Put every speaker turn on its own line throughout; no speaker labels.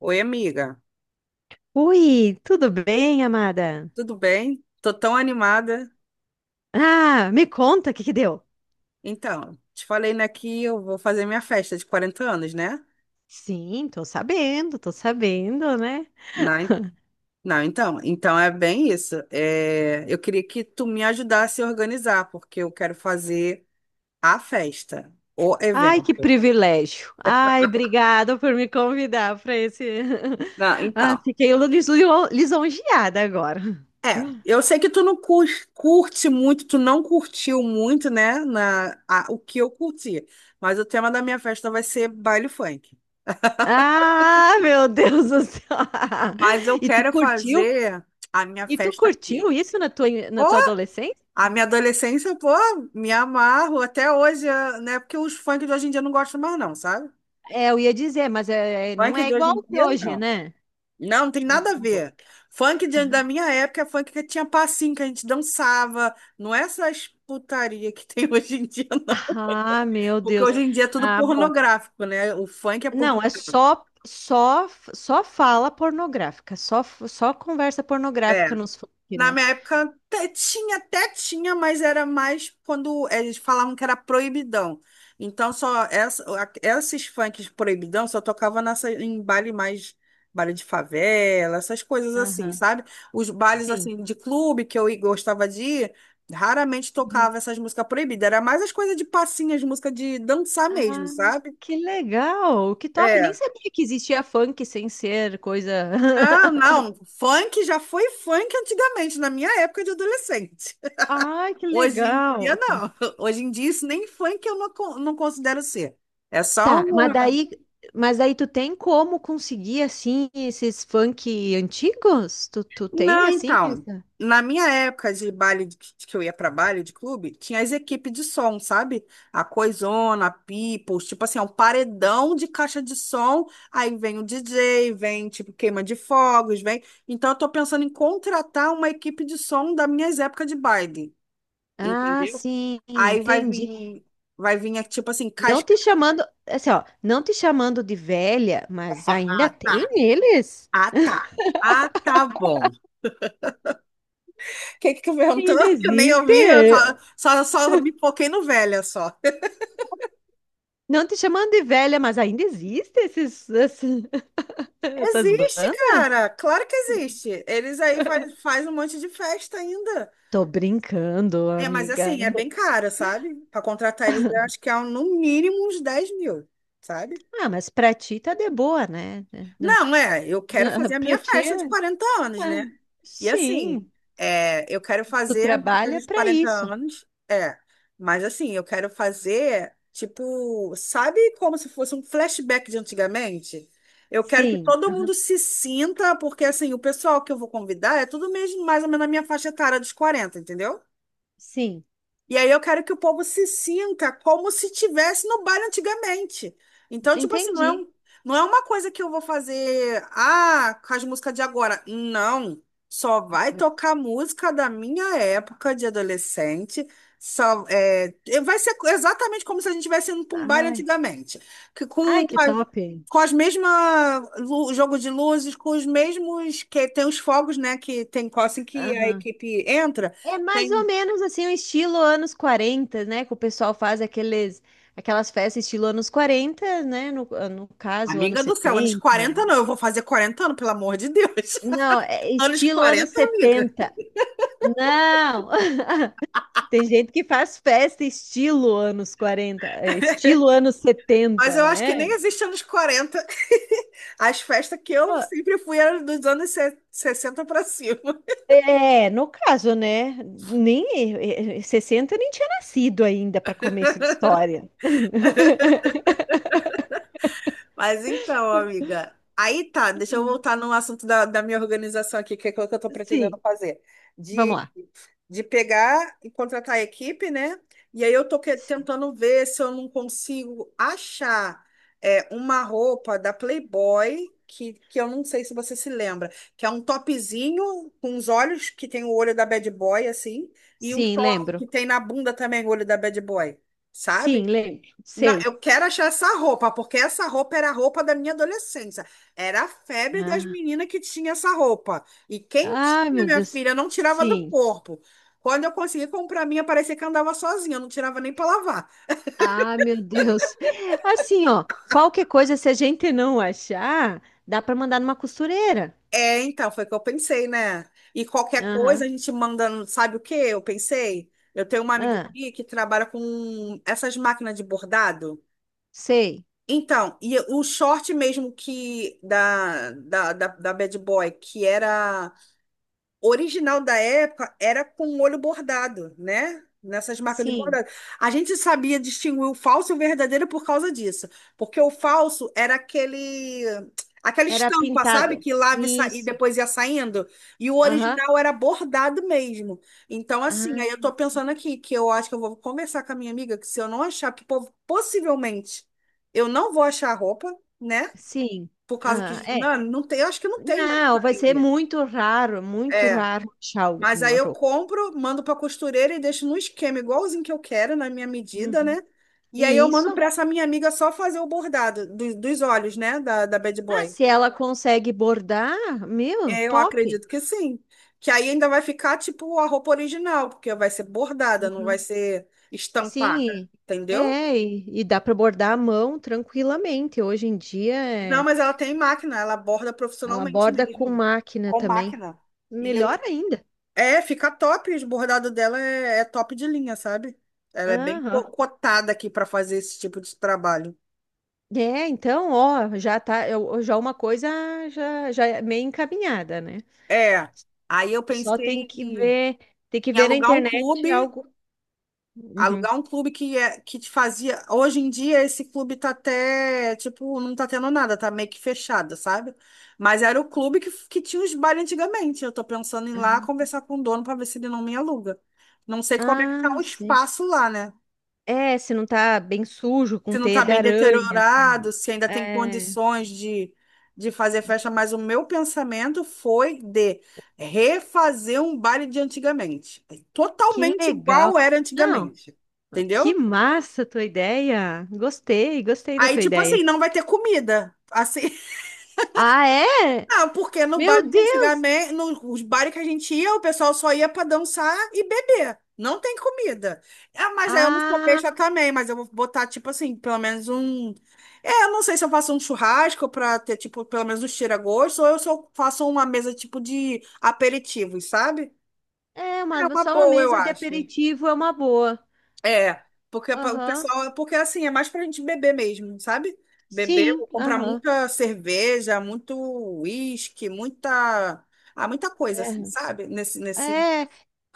Oi, amiga,
Ui, tudo bem, amada?
tudo bem? Tô tão animada.
Ah, me conta o que que deu.
Então, te falei, né, que eu vou fazer minha festa de 40 anos, né?
Sim, tô sabendo, né?
Não, en- não, então é bem isso. É, eu queria que tu me ajudasse a organizar, porque eu quero fazer a festa, o
Ai, que
evento.
privilégio. Ai, obrigada por me convidar para esse.
Não,
Ah,
então,
fiquei lisonjeada agora.
é, eu sei que tu não cur- curte muito, tu não curtiu muito, né, o que eu curti, mas o tema da minha festa vai ser baile funk.
Ah, meu Deus do céu.
Mas eu
E tu
quero
curtiu?
fazer a minha
E tu
festa
curtiu
aqui.
isso
Ô,
na tua adolescência?
a minha adolescência, pô, me amarro até hoje, né? Porque os funk de hoje em dia eu não gosto mais, não, sabe?
É, eu ia dizer, mas é, não
Funk
é
de hoje
igual
em
de
dia,
hoje,
não.
né?
Não, não tem
Ah, tá
nada a
bom.
ver. Funk da minha época é funk que tinha passinho, que a gente dançava. Não é essas putaria que tem hoje em dia, não.
Ah, meu
Porque
Deus.
hoje em dia é tudo
Ah, bom.
pornográfico, né? O funk é
Não, é
pornográfico.
só fala pornográfica, só conversa
É.
pornográfica nos funk,
Na
né?
minha época até tinha, mas era mais quando eles falavam que era proibidão. Então só essa, esses funks proibidão só tocava nessa, em baile mais baile de favela, essas coisas assim,
Aham.
sabe? Os bailes
Sim.
assim de clube que eu gostava de ir, raramente
Uhum.
tocava essas músicas proibidas. Era mais as coisas de passinhas, música de dançar mesmo,
Ah,
sabe?
que legal! Que top! Nem
É.
sabia que existia funk sem ser coisa.
Não, não. Funk já foi funk antigamente, na minha época de adolescente.
Ai, que
Hoje em dia,
legal!
não. Hoje em dia, isso nem funk eu não, não considero ser. É só
Tá,
um.
mas daí tu tem como conseguir assim esses funk antigos? Tu tem
Não,
assim?
então. Na minha época de baile, que eu ia pra baile de clube, tinha as equipes de som, sabe? A Coisona, a People, tipo assim, é um paredão de caixa de som. Aí vem o DJ, vem, tipo, queima de fogos, vem. Então, eu tô pensando em contratar uma equipe de som das minhas épocas de baile,
Ah,
entendeu?
sim,
Aí vai
entendi.
vir, é, tipo assim,
Não
casca.
te chamando, assim, ó, não te chamando de velha, mas ainda tem eles?
Ah, tá. Ah, tá bom. O que que tu perguntou?
Ainda
Que eu nem
existe?
ouvi, eu só, só me foquei no velha só.
Não te chamando de velha, mas ainda existe esses. Essas
Existe,
bandas?
cara. Claro que existe. Eles aí faz um monte de festa ainda.
Tô brincando,
É, mas
amiga.
assim, é bem caro, sabe? Para contratar eles, eu acho que é um, no mínimo uns 10 mil, sabe?
Ah, mas pra ti tá de boa, né? Não-
Não, é, eu quero fazer a
Pra
minha
ti,
festa de 40 anos,
ah,
né? E assim,
sim.
é, eu quero
Tu
fazer a minha
trabalha
dos
pra
40
isso.
anos, é, mas assim, eu quero fazer, tipo, sabe como se fosse um flashback de antigamente? Eu quero que
Sim,
todo mundo
aham,
se sinta, porque assim, o pessoal que eu vou convidar é tudo mesmo mais ou menos na minha faixa etária dos 40, entendeu?
sim.
E aí eu quero que o povo se sinta como se tivesse no baile antigamente. Então, tipo assim, não
Entendi.
é um, não é uma coisa que eu vou fazer, com as músicas de agora. Não. Só vai tocar música da minha época de adolescente. Só, é, vai ser exatamente como se a gente estivesse indo para um baile
Ai,
antigamente. Que
ai,
com,
que top.
com as mesmas jogo de luzes, com os mesmos que tem os fogos, né? Que tem assim que a
Aham.
equipe entra.
É mais ou menos assim, um estilo anos 40, né? Que o pessoal faz aquelas festas estilo anos 40, né? No caso, anos
Amiga do céu, anos
70.
40 não, eu vou fazer 40 anos, pelo amor de Deus.
Não, é
Anos
estilo anos
40, amiga.
70. Não! Tem gente que faz festa estilo anos 40, é, estilo anos
Mas
70,
eu acho que nem
né?
existe anos 40. As festas que
Pô,
eu sempre fui eram dos anos 60 para cima.
é, no caso, né? Nem 60 nem tinha nascido ainda para começo de história.
Mas então, amiga, aí tá, deixa eu voltar no assunto da minha organização aqui, que é o que eu tô pretendendo
Sim,
fazer.
vamos
De,
lá.
de pegar e contratar a equipe, né? E aí eu tô tentando ver se eu não consigo achar é, uma roupa da Playboy, que eu não sei se você se lembra, que é um topzinho com os olhos, que tem o olho da Bad Boy, assim, e o
Sim,
short
lembro.
que tem na bunda também o olho da Bad Boy, sabe?
Sim, lembro.
Não,
Sei.
eu quero achar essa roupa, porque essa roupa era a roupa da minha adolescência. Era a febre das
Ah,
meninas que tinha essa roupa. E quem
ah,
tinha,
meu
minha
Deus.
filha, não tirava do
Sim.
corpo. Quando eu consegui comprar a minha, parecia que eu andava sozinha, eu não tirava nem para lavar.
Ah, meu Deus. Assim, ó, qualquer coisa, se a gente não achar, dá para mandar numa costureira.
É, então, foi o que eu pensei, né? E qualquer coisa
Aham.
a gente manda, sabe o que eu pensei? Eu tenho uma amiga
Ah,
aqui que trabalha com essas máquinas de bordado.
sei.
Então, e o short mesmo que da, da, da, da Bad Boy, que era O original da época era com o olho bordado, né? Nessas marcas de
Sim.
bordado. A gente sabia distinguir o falso e o verdadeiro por causa disso. Porque o falso era aquele, aquela
Era
estampa, sabe?
pintado.
Que lava e, e
Isso.
depois ia saindo. E o
Aham.
original era bordado mesmo. Então, assim,
Ah,
aí eu tô
sim.
pensando aqui que eu acho que eu vou conversar com a minha amiga que se eu não achar, que possivelmente eu não vou achar a roupa, né?
Sim.
Por causa
Ah,
que.
é.
Não, não tem, eu acho que não tem mais
Não,
pra
vai ser
vender.
muito
É.
raro achar
Mas aí
alguma
eu
roupa.
compro, mando para costureira e deixo no esquema igualzinho que eu quero, na minha medida, né?
Uhum.
E aí eu mando para
Isso.
essa minha amiga só fazer o bordado dos olhos, né? Da Bad
Ah,
Boy.
se ela consegue bordar, meu,
É. Eu
top.
acredito que sim. Que aí ainda vai ficar tipo a roupa original, porque vai ser bordada, não vai ser estampada,
Sim, e-
entendeu?
é, e, e dá para bordar à mão tranquilamente. Hoje em dia,
Não,
é,
mas ela tem máquina, ela borda
ela
profissionalmente
borda com
mesmo,
máquina
com
também.
máquina. E eu,
Melhor ainda.
É, fica top. O bordado dela é top de linha, sabe? Ela é bem
Aham.
cotada aqui para fazer esse tipo de trabalho.
É, então, ó, já tá, já uma coisa já é meio encaminhada, né?
É. Aí eu
Só
pensei
tem que ver na
alugar um
internet
clube,
algo. Uhum.
que é, que te fazia. Hoje em dia esse clube tá até, tipo, não tá tendo nada, tá meio que fechado, sabe? Mas era o clube que tinha os bailes antigamente. Eu tô pensando em ir lá conversar com o dono para ver se ele não me aluga. Não sei como é que tá
Ah,
o
sim.
espaço lá, né?
É, se não tá bem sujo, com
Se não
teia
está
de
bem
aranha.
deteriorado, se ainda tem
É,
condições de fazer
de-
festa, mas o meu pensamento foi de refazer um baile de antigamente. É
que
totalmente
legal.
igual era
Não.
antigamente.
Que
Entendeu?
massa a tua ideia! Gostei, gostei da
Aí,
tua
tipo
ideia.
assim, não vai ter comida. Assim,
Ah, é?
ah, porque no
Meu
baile de
Deus!
antigamente, nos bares que a gente ia, o pessoal só ia pra dançar e beber. Não tem comida. Ah, mas aí eu não sou
Ah,
besta também, mas eu vou botar, tipo assim, pelo menos um. É, eu não sei se eu faço um churrasco pra ter, tipo, pelo menos um tira-gosto, ou eu só faço uma mesa, tipo, de aperitivos, sabe?
é,
É uma
só uma
boa, eu
mesa de
acho.
aperitivo é uma boa.
É, porque o
Aham.
pessoal, é porque assim, é mais pra gente beber mesmo, sabe? Beber,
Sim,
vou comprar
aham.
muita cerveja, muito uísque, muita, ah, muita coisa assim, sabe? Nesse,
É,
nesse.
é,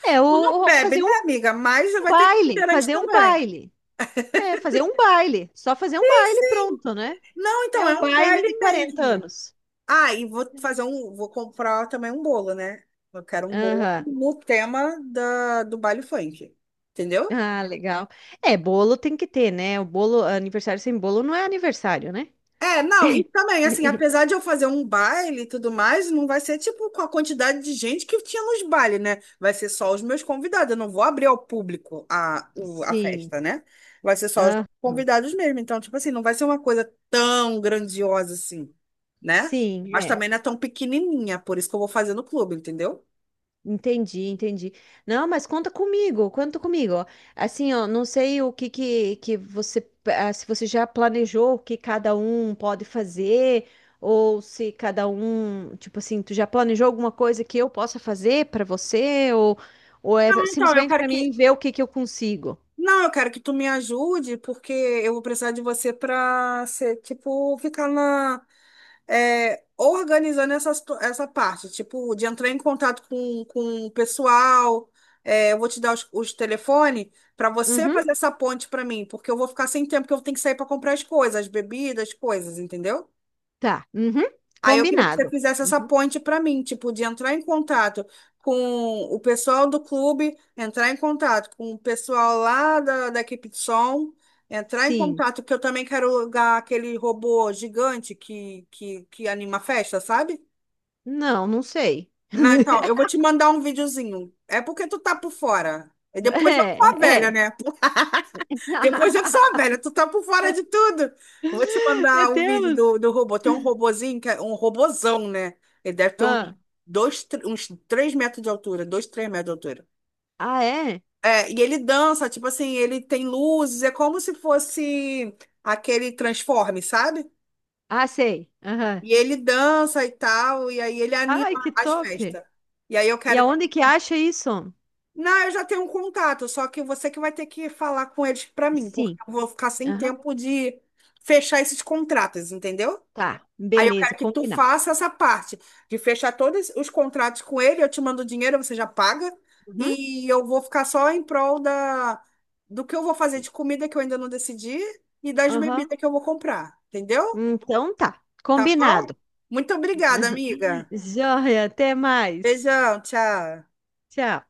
é ou,
Tu não
ou
bebe,
fazer
né,
um
amiga? Mas vai ter
baile,
refrigerante
fazer um
também.
baile. É, fazer um baile. Só fazer um baile, pronto, né?
Não, então
É um
é um
baile
baile
de 40
mesmo.
anos.
Ah, e vou comprar também um bolo, né? Eu quero um bolo
Aham.
no tema do baile funk, entendeu?
Ah, legal. É, bolo tem que ter, né? O bolo, aniversário sem bolo não é aniversário, né?
É, não, e também, assim, apesar de eu fazer um baile e tudo mais, não vai ser tipo com a quantidade de gente que tinha nos bailes, né? Vai ser só os meus convidados, eu não vou abrir ao público a
Sim.
festa, né? Vai ser só os
Aham.
convidados mesmo. Então, tipo assim, não vai ser uma coisa tão grandiosa assim, né?
Sim,
Mas
é.
também não é tão pequenininha, por isso que eu vou fazer no clube, entendeu?
Entendi, entendi. Não, mas conta comigo, conta comigo. Assim, ó, não sei o que que você, se você já planejou o que cada um pode fazer, ou se cada um, tipo assim, tu já planejou alguma coisa que eu possa fazer para você, ou,
Não,
é
Então, eu
simplesmente
quero
para
que
mim ver o que que eu consigo.
Não, eu quero que tu me ajude, porque eu vou precisar de você para ser, tipo, ficar organizando essa, essa parte, tipo, de entrar em contato com o pessoal. É, eu vou te dar os telefones para você
Uhum,
fazer essa ponte para mim, porque eu vou ficar sem tempo, porque eu tenho que sair para comprar as coisas, as bebidas, as coisas, entendeu?
tá. Uhum,
Aí eu queria que você
combinado.
fizesse essa
Uhum.
ponte para mim, tipo, de entrar em contato com o pessoal do clube, entrar em contato com o pessoal lá da equipe de som, entrar em
Sim.
contato, porque eu também quero alugar aquele robô gigante que anima a festa, sabe?
Não, não sei.
Não, então, eu vou te mandar um videozinho. É porque tu tá por fora. E depois eu sou a
É,
velha,
é.
né? Depois eu sou a velha, tu tá por fora de tudo. Vou te
Meu
mandar o vídeo
Deus!
do robô. Tem um robozinho, que é um robozão, né? Ele deve ter uns,
Ah,
dois, uns 3 metros de altura, dois, 3 metros de altura.
ah, é?
É, e ele dança, tipo assim, ele tem luzes, é como se fosse aquele Transforme, sabe?
Ah, sei. Aham.
E ele dança e tal, e aí ele anima
Ai, que
as
top.
festas. E aí eu
E
quero
aonde que acha isso?
Não, eu já tenho um contato, só que você que vai ter que falar com eles pra mim, porque
Sim.
eu vou ficar sem
Aham.
tempo de fechar esses contratos, entendeu?
Tá,
Aí eu
beleza,
quero que tu
combinado.
faça essa parte de fechar todos os contratos com ele, eu te mando o dinheiro, você já paga,
Uhum.
e eu vou ficar só em prol do que eu vou fazer de comida que eu ainda não decidi e das
Aham.
bebidas que eu vou comprar, entendeu?
Então tá,
Tá bom?
combinado.
Muito obrigada, amiga.
Joia, até mais.
Beijão, tchau.
Tchau.